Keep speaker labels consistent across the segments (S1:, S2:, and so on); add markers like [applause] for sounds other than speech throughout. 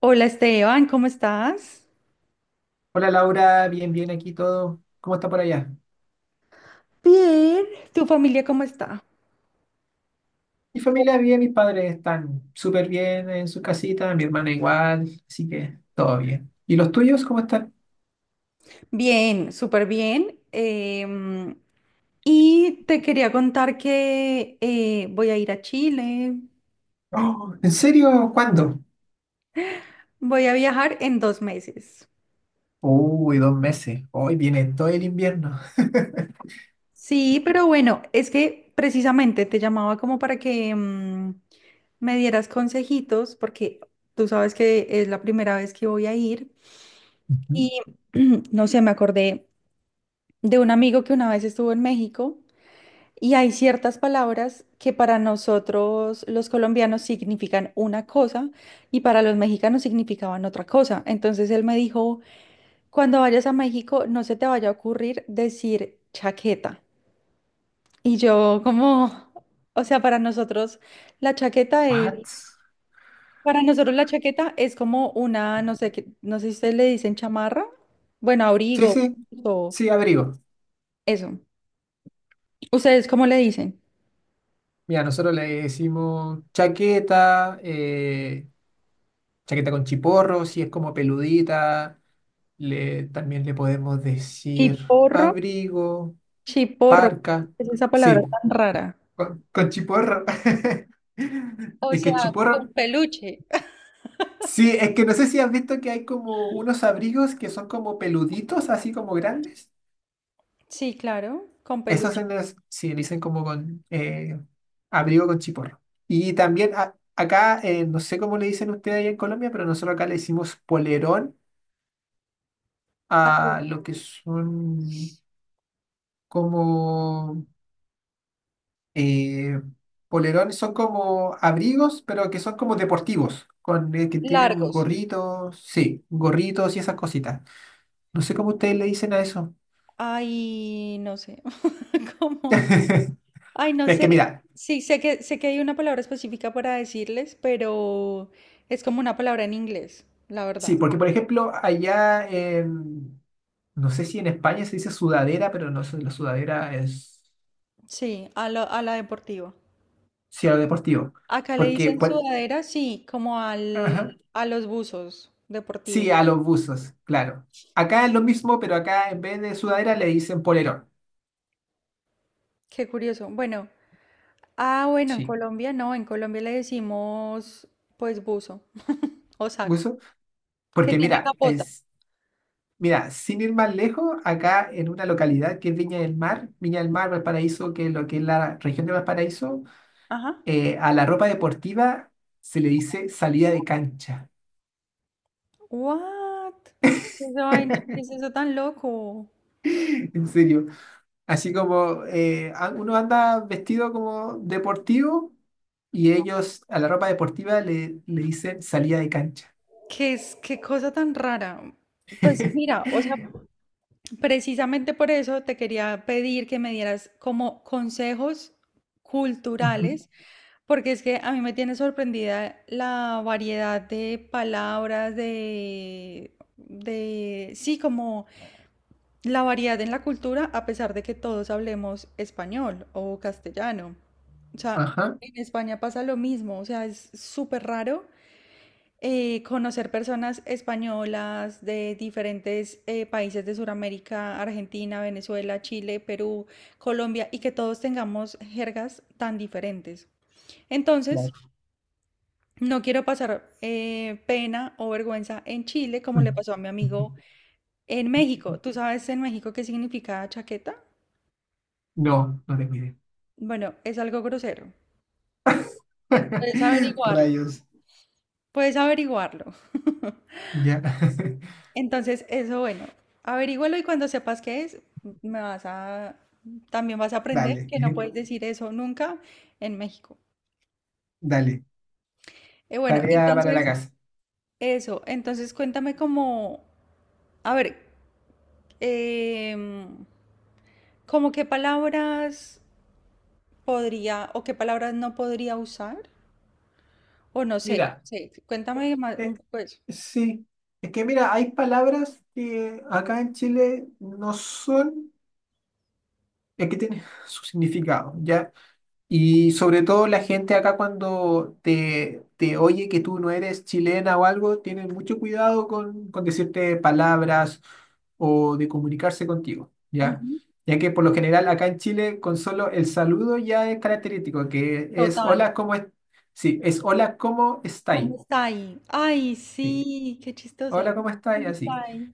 S1: Hola Esteban, ¿cómo estás?
S2: Hola Laura, bien, bien aquí todo. ¿Cómo está por allá?
S1: Bien. ¿Tu familia cómo está?
S2: Mi familia bien, mis padres están súper bien en sus casitas, mi hermana igual, así que todo bien. ¿Y los tuyos cómo están?
S1: Bien, súper bien. Y te quería contar que voy a ir a Chile,
S2: Oh, ¿en serio? ¿Cuándo?
S1: voy a viajar en 2 meses.
S2: Uy, dos meses. Hoy viene todo el invierno.
S1: Sí, pero bueno, es que precisamente te llamaba como para que me dieras consejitos, porque tú sabes que es la primera vez que voy a ir. Y
S2: Ujú.
S1: [clears throat] no sé, me acordé de un amigo que una vez estuvo en México. Y hay ciertas palabras que para nosotros los colombianos significan una cosa y para los mexicanos significaban otra cosa. Entonces él me dijo, cuando vayas a México no se te vaya a ocurrir decir chaqueta. Y yo como, o sea, para nosotros la chaqueta es,
S2: What?
S1: para nosotros la chaqueta es como una, no sé qué, no sé si ustedes le dicen chamarra, bueno,
S2: Sí,
S1: abrigo
S2: sí,
S1: o
S2: sí, abrigo.
S1: eso. ¿Ustedes cómo le dicen?
S2: Mira, nosotros le decimos chaqueta, chaqueta con chiporro, si es como peludita. También le podemos decir
S1: Chiporro.
S2: abrigo.
S1: Chiporro, ¿qué
S2: Parca,
S1: es esa palabra
S2: sí,
S1: tan rara?
S2: con chiporro. [laughs]
S1: O
S2: Es que
S1: sea, con
S2: chiporro,
S1: peluche.
S2: sí, es que no sé si has visto que hay como unos abrigos que son como peluditos, así como grandes.
S1: Sí, claro, con
S2: Esos
S1: peluche.
S2: se los, sí, le dicen como con abrigo con chiporro. Y también acá, no sé cómo le dicen ustedes allá en Colombia, pero nosotros acá le decimos polerón a
S1: Así,
S2: lo que son como eh, polerones son como abrigos, pero que son como deportivos, con que tienen
S1: largos.
S2: gorritos, sí, gorritos y esas cositas. No sé cómo ustedes le dicen a eso.
S1: Ay, no sé, [laughs] cómo.
S2: [laughs]
S1: Ay, no
S2: Es que
S1: sé.
S2: mira,
S1: Sí, sé que hay una palabra específica para decirles, pero es como una palabra en inglés, la
S2: sí,
S1: verdad.
S2: porque por ejemplo, no sé si en España se dice sudadera, pero no sé, la sudadera es,
S1: Sí, a la deportiva.
S2: sí, a lo deportivo.
S1: Acá le
S2: Porque,
S1: dicen
S2: por-
S1: sudadera, sí, como
S2: ajá,
S1: al, a los buzos
S2: sí,
S1: deportivos.
S2: a los buzos, claro. Acá es lo mismo, pero acá en vez de sudadera le dicen polerón.
S1: Qué curioso. Bueno, ah, bueno, en
S2: Sí,
S1: Colombia no, en Colombia le decimos pues buzo o saco,
S2: buzo.
S1: que
S2: Porque
S1: tiene
S2: mira,
S1: capota.
S2: es Mira, sin ir más lejos, acá en una localidad que es Viña del Mar, Valparaíso, que es lo que es la región de Valparaíso,
S1: Ajá.
S2: a la ropa deportiva se le dice salida de cancha,
S1: What? ¿Qué es esa vaina? ¿Qué es eso tan loco?
S2: [laughs] en serio. Así como uno anda vestido como deportivo y ellos a la ropa deportiva le dicen salida de cancha.
S1: ¿Qué es, qué cosa tan rara? Pues
S2: [laughs]
S1: mira, o sea, precisamente por eso te quería pedir que me dieras como consejos
S2: Ujú,
S1: culturales, porque es que a mí me tiene sorprendida la variedad de palabras, sí, como la variedad en la cultura, a pesar de que todos hablemos español o castellano. O sea,
S2: ajá,
S1: en España pasa lo mismo, o sea, es súper raro conocer personas españolas de diferentes países de Sudamérica, Argentina, Venezuela, Chile, Perú, Colombia, y que todos tengamos jergas tan diferentes. Entonces,
S2: claro.
S1: no quiero pasar pena o vergüenza en Chile como
S2: Mm.
S1: le pasó a mi
S2: Ujú.
S1: amigo en México. ¿Tú sabes en México qué significa chaqueta?
S2: No, no te cuide.
S1: Bueno, es algo grosero. Puedes
S2: [laughs]
S1: averiguarlo.
S2: Rayos,
S1: Puedes averiguarlo.
S2: ya. [laughs]
S1: Entonces, eso, bueno, averígualo y cuando sepas qué es, me vas a, también vas a aprender
S2: Vale.
S1: que no puedes decir eso nunca en México.
S2: Dale,
S1: Bueno,
S2: tarea para la
S1: entonces,
S2: casa.
S1: eso, entonces cuéntame como, a ver, em, como qué palabras podría o qué palabras no podría usar, o no sé,
S2: Mira,
S1: sí, cuéntame más,
S2: eh,
S1: pues.
S2: sí, es que mira, hay palabras que acá en Chile no son, es que tienen [laughs] su significado, ¿ya? Y sobre todo la gente acá cuando te oye que tú no eres chilena o algo, tienen mucho cuidado con decirte palabras o de comunicarse contigo, ¿ya?
S1: Ujú.
S2: Ya que por lo general acá en Chile con solo el saludo ya es característico, que es
S1: Total.
S2: hola, ¿cómo es? Sí, es hola, ¿cómo estáis?
S1: ¿Cómo está ahí? Ay,
S2: Sí,
S1: sí, qué chistoso.
S2: hola, ¿cómo estáis?
S1: ¿Cómo
S2: Así.
S1: está ahí?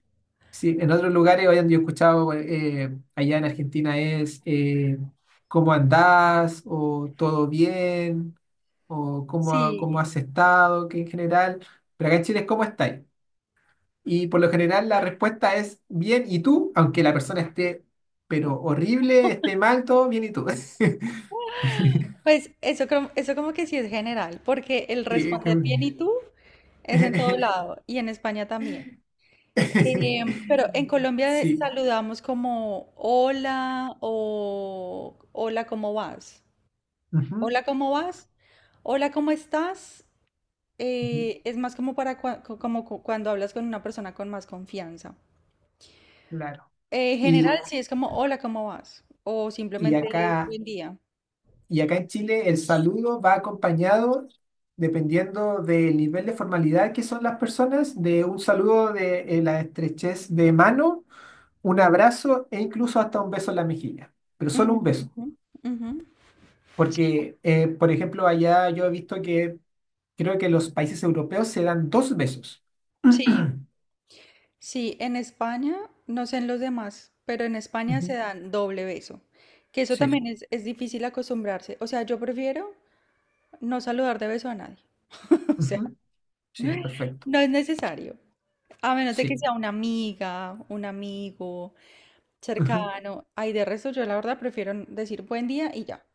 S2: Sí, en otros lugares, hoy yo he escuchado allá en Argentina es ¿cómo andás? O ¿todo bien? O cómo,
S1: Sí.
S2: cómo has estado, que en general, pero acá en Chile es cómo estáis. Y por lo general la respuesta es bien, ¿y tú? Aunque la persona esté, pero horrible, esté mal, todo bien, ¿y tú? [laughs]
S1: Pues eso, eso como que sí es general, porque el
S2: Sí, es
S1: responder
S2: como.
S1: bien y tú es en todo lado y en España también. Pero en
S2: [laughs]
S1: Colombia
S2: Sí.
S1: saludamos como hola o hola, ¿cómo vas?
S2: Ujú,
S1: Hola, ¿cómo vas? Hola, ¿cómo estás?
S2: ujú,
S1: Es más como para como cuando hablas con una persona con más confianza.
S2: claro.
S1: En general,
S2: Y,
S1: sí, es como, hola, ¿cómo vas? O
S2: y
S1: simplemente, ah,
S2: acá,
S1: buen día.
S2: y acá en Chile el saludo va acompañado, dependiendo del nivel de formalidad que son las personas, de un saludo de la estrechez de mano un abrazo e incluso hasta un beso en la mejilla, pero solo
S1: Ujú,
S2: un beso,
S1: ujú. Sí,
S2: porque, por ejemplo, allá yo he visto que creo que los países europeos se dan dos besos. [clears throat] Ujú,
S1: sí, sí, en España, no sé en los demás, pero en España se dan doble beso, que eso
S2: sí,
S1: también es difícil acostumbrarse. O sea, yo prefiero no saludar de beso a nadie. [laughs] O sea,
S2: ujú, sí,
S1: [laughs]
S2: perfecto,
S1: no es necesario. A menos de que
S2: sí.
S1: sea una amiga, un amigo
S2: Ujú.
S1: cercano. Ay, de resto, yo la verdad prefiero decir buen día y ya.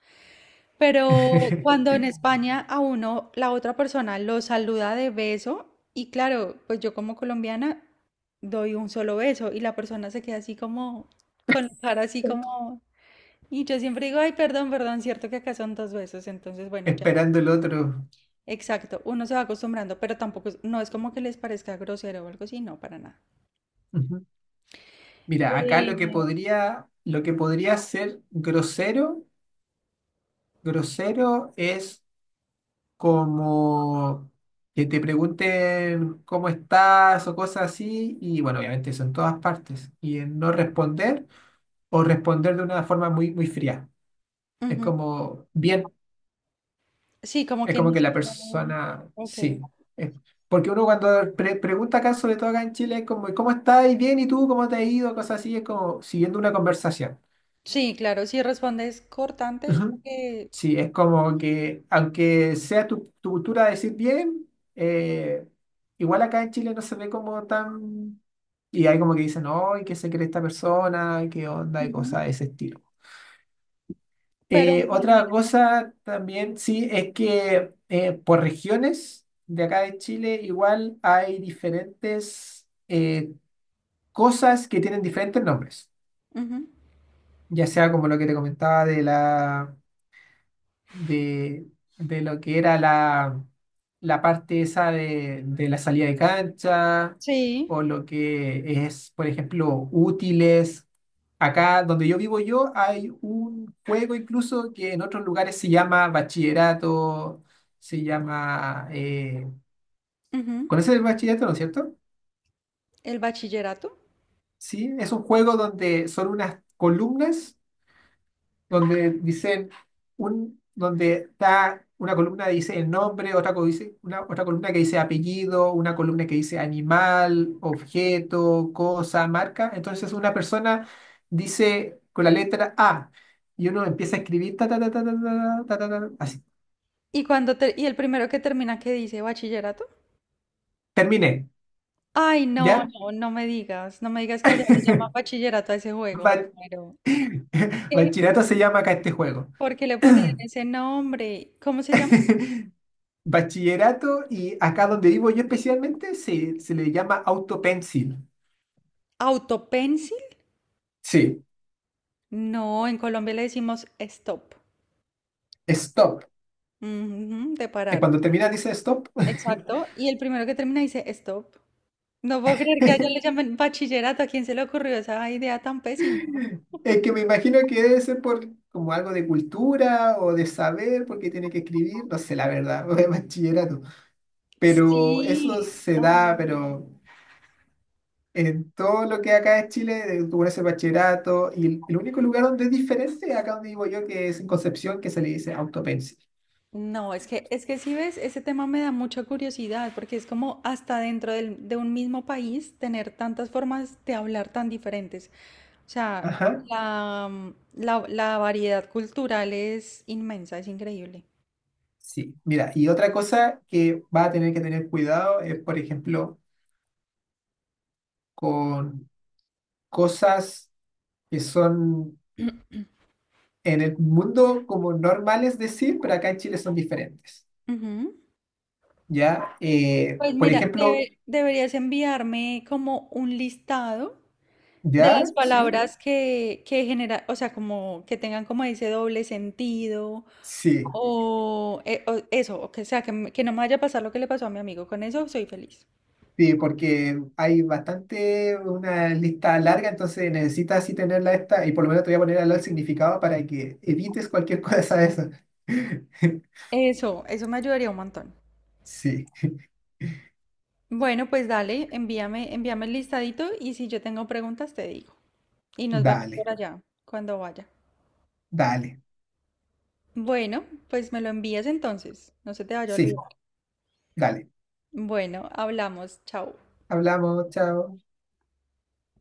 S1: Pero
S2: [laughs]
S1: cuando en España a uno, la otra persona lo saluda de beso, y claro, pues yo como colombiana doy un solo beso y la persona se queda así como, con la cara así como... Y yo siempre digo, ay, perdón, perdón, cierto que acá son 2 besos, entonces bueno, ya,
S2: Esperando el otro.
S1: exacto, uno se va acostumbrando, pero tampoco, no es como que les parezca grosero o algo así, no, para nada.
S2: Ujú. Mira, acá
S1: Eh,
S2: lo que podría ser grosero, grosero es como que te pregunten cómo estás o cosas así, y bueno, obviamente eso en todas partes, y en no responder o responder de una forma muy, muy fría. Es
S1: Ujú.
S2: como, bien,
S1: Sí, como
S2: es
S1: que
S2: como
S1: ni
S2: que la
S1: siquiera...
S2: persona,
S1: Ok.
S2: sí. Es- porque uno cuando pregunta acá, sobre todo acá en Chile, es como, ¿cómo estás? ¿Y ¿Bien? ¿Y tú? ¿Cómo te ha ido? Cosas así, es como siguiendo una conversación.
S1: Sí, claro, si respondes cortante es
S2: Ujú.
S1: porque...
S2: Sí, es como que, aunque sea tu, tu cultura decir bien, eh, igual acá en Chile no se ve como tan... Y hay como que dicen, no, ¿y qué se cree esta persona? ¿Qué onda? Y
S1: Ujú.
S2: cosas de ese estilo.
S1: Pero en
S2: Otra
S1: general,
S2: cosa también, sí, es que por regiones de acá de Chile igual hay diferentes cosas que tienen diferentes nombres,
S1: ujú,
S2: ya sea como lo que te comentaba de la... de, de lo que era la parte esa de la salida de cancha
S1: sí.
S2: o lo que es, por ejemplo, útiles. Acá donde yo vivo yo hay un juego incluso que en otros lugares se llama bachillerato, se llama...
S1: Ujú.
S2: ¿conoces el bachillerato, no es cierto?
S1: ¿El bachillerato?
S2: Sí, es un juego donde son unas columnas donde dicen donde está una columna que dice el nombre, otra columna que dice apellido, una columna que dice animal, objeto, cosa, marca. Entonces una persona dice con la letra A y uno empieza a escribir ta, ta, ta, ta, ta, ta, ta, ta, ta, así.
S1: ¿Y y el primero que termina que dice bachillerato?
S2: Terminé,
S1: Ay, no,
S2: ¿ya?
S1: no, no me digas, no me digas que allá le llaman
S2: [laughs]
S1: bachillerato a ese juego, me
S2: Ba-
S1: muero. ¿Qué?
S2: Bachillerato se llama acá este juego.
S1: ¿Por qué le pondrían ese nombre? ¿Cómo se llama?
S2: [laughs] Bachillerato y acá donde vivo yo especialmente se le llama autopencil.
S1: ¿Autopencil?
S2: Sí,
S1: No, en Colombia le decimos stop.
S2: stop.
S1: Ujú, de parar.
S2: Cuando termina dice stop.
S1: Exacto. Y el primero que termina dice stop. No puedo creer que allá le
S2: [laughs]
S1: llamen bachillerato. ¿A quién se le ocurrió esa idea tan pésima?
S2: Es que me imagino que debe ser por como algo de cultura o de saber, porque tiene que escribir, no sé la verdad, [laughs] de bachillerato. Pero eso
S1: Sí,
S2: se
S1: ay,
S2: da, pero
S1: no.
S2: en todo lo que acá es Chile, tú pones el bachillerato, y el único lugar donde es diferente, acá donde vivo yo, que es en Concepción, que se le dice autopencil.
S1: No, es que si ves, ese tema me da mucha curiosidad, porque es como hasta dentro de un mismo país tener tantas formas de hablar tan diferentes. O sea,
S2: Ajá,
S1: la, mm, la variedad cultural es inmensa, es increíble.
S2: sí. Mira, y otra cosa que va a tener que tener cuidado es, por ejemplo, con cosas que son en el mundo como normal es decir, pero acá en Chile son diferentes.
S1: Ujú.
S2: ¿Ya?
S1: Pues
S2: Por
S1: mira,
S2: ejemplo,
S1: deberías enviarme como un listado de
S2: ¿ya?
S1: las
S2: ¿Sí?
S1: palabras que genera, o sea, como que tengan como ese doble sentido
S2: Sí.
S1: o, o eso, o que sea, que, que no me vaya a pasar lo que le pasó a mi amigo. Con eso soy feliz.
S2: Sí, porque hay bastante, una lista larga, entonces necesitas así tenerla esta, y por lo menos te voy a poner al lado el significado para que evites cualquier [laughs] cosa de eso. [laughs]
S1: Eso me ayudaría un montón.
S2: Sí,
S1: Bueno, pues dale, envíame, envíame el listadito y si yo tengo preguntas te digo. Y nos vemos por
S2: dale,
S1: allá cuando vaya.
S2: dale,
S1: Bueno, pues me lo envías entonces. No se te vaya a olvidar.
S2: sí, dale.
S1: Bueno, hablamos. Chao.
S2: Hablamos, chao.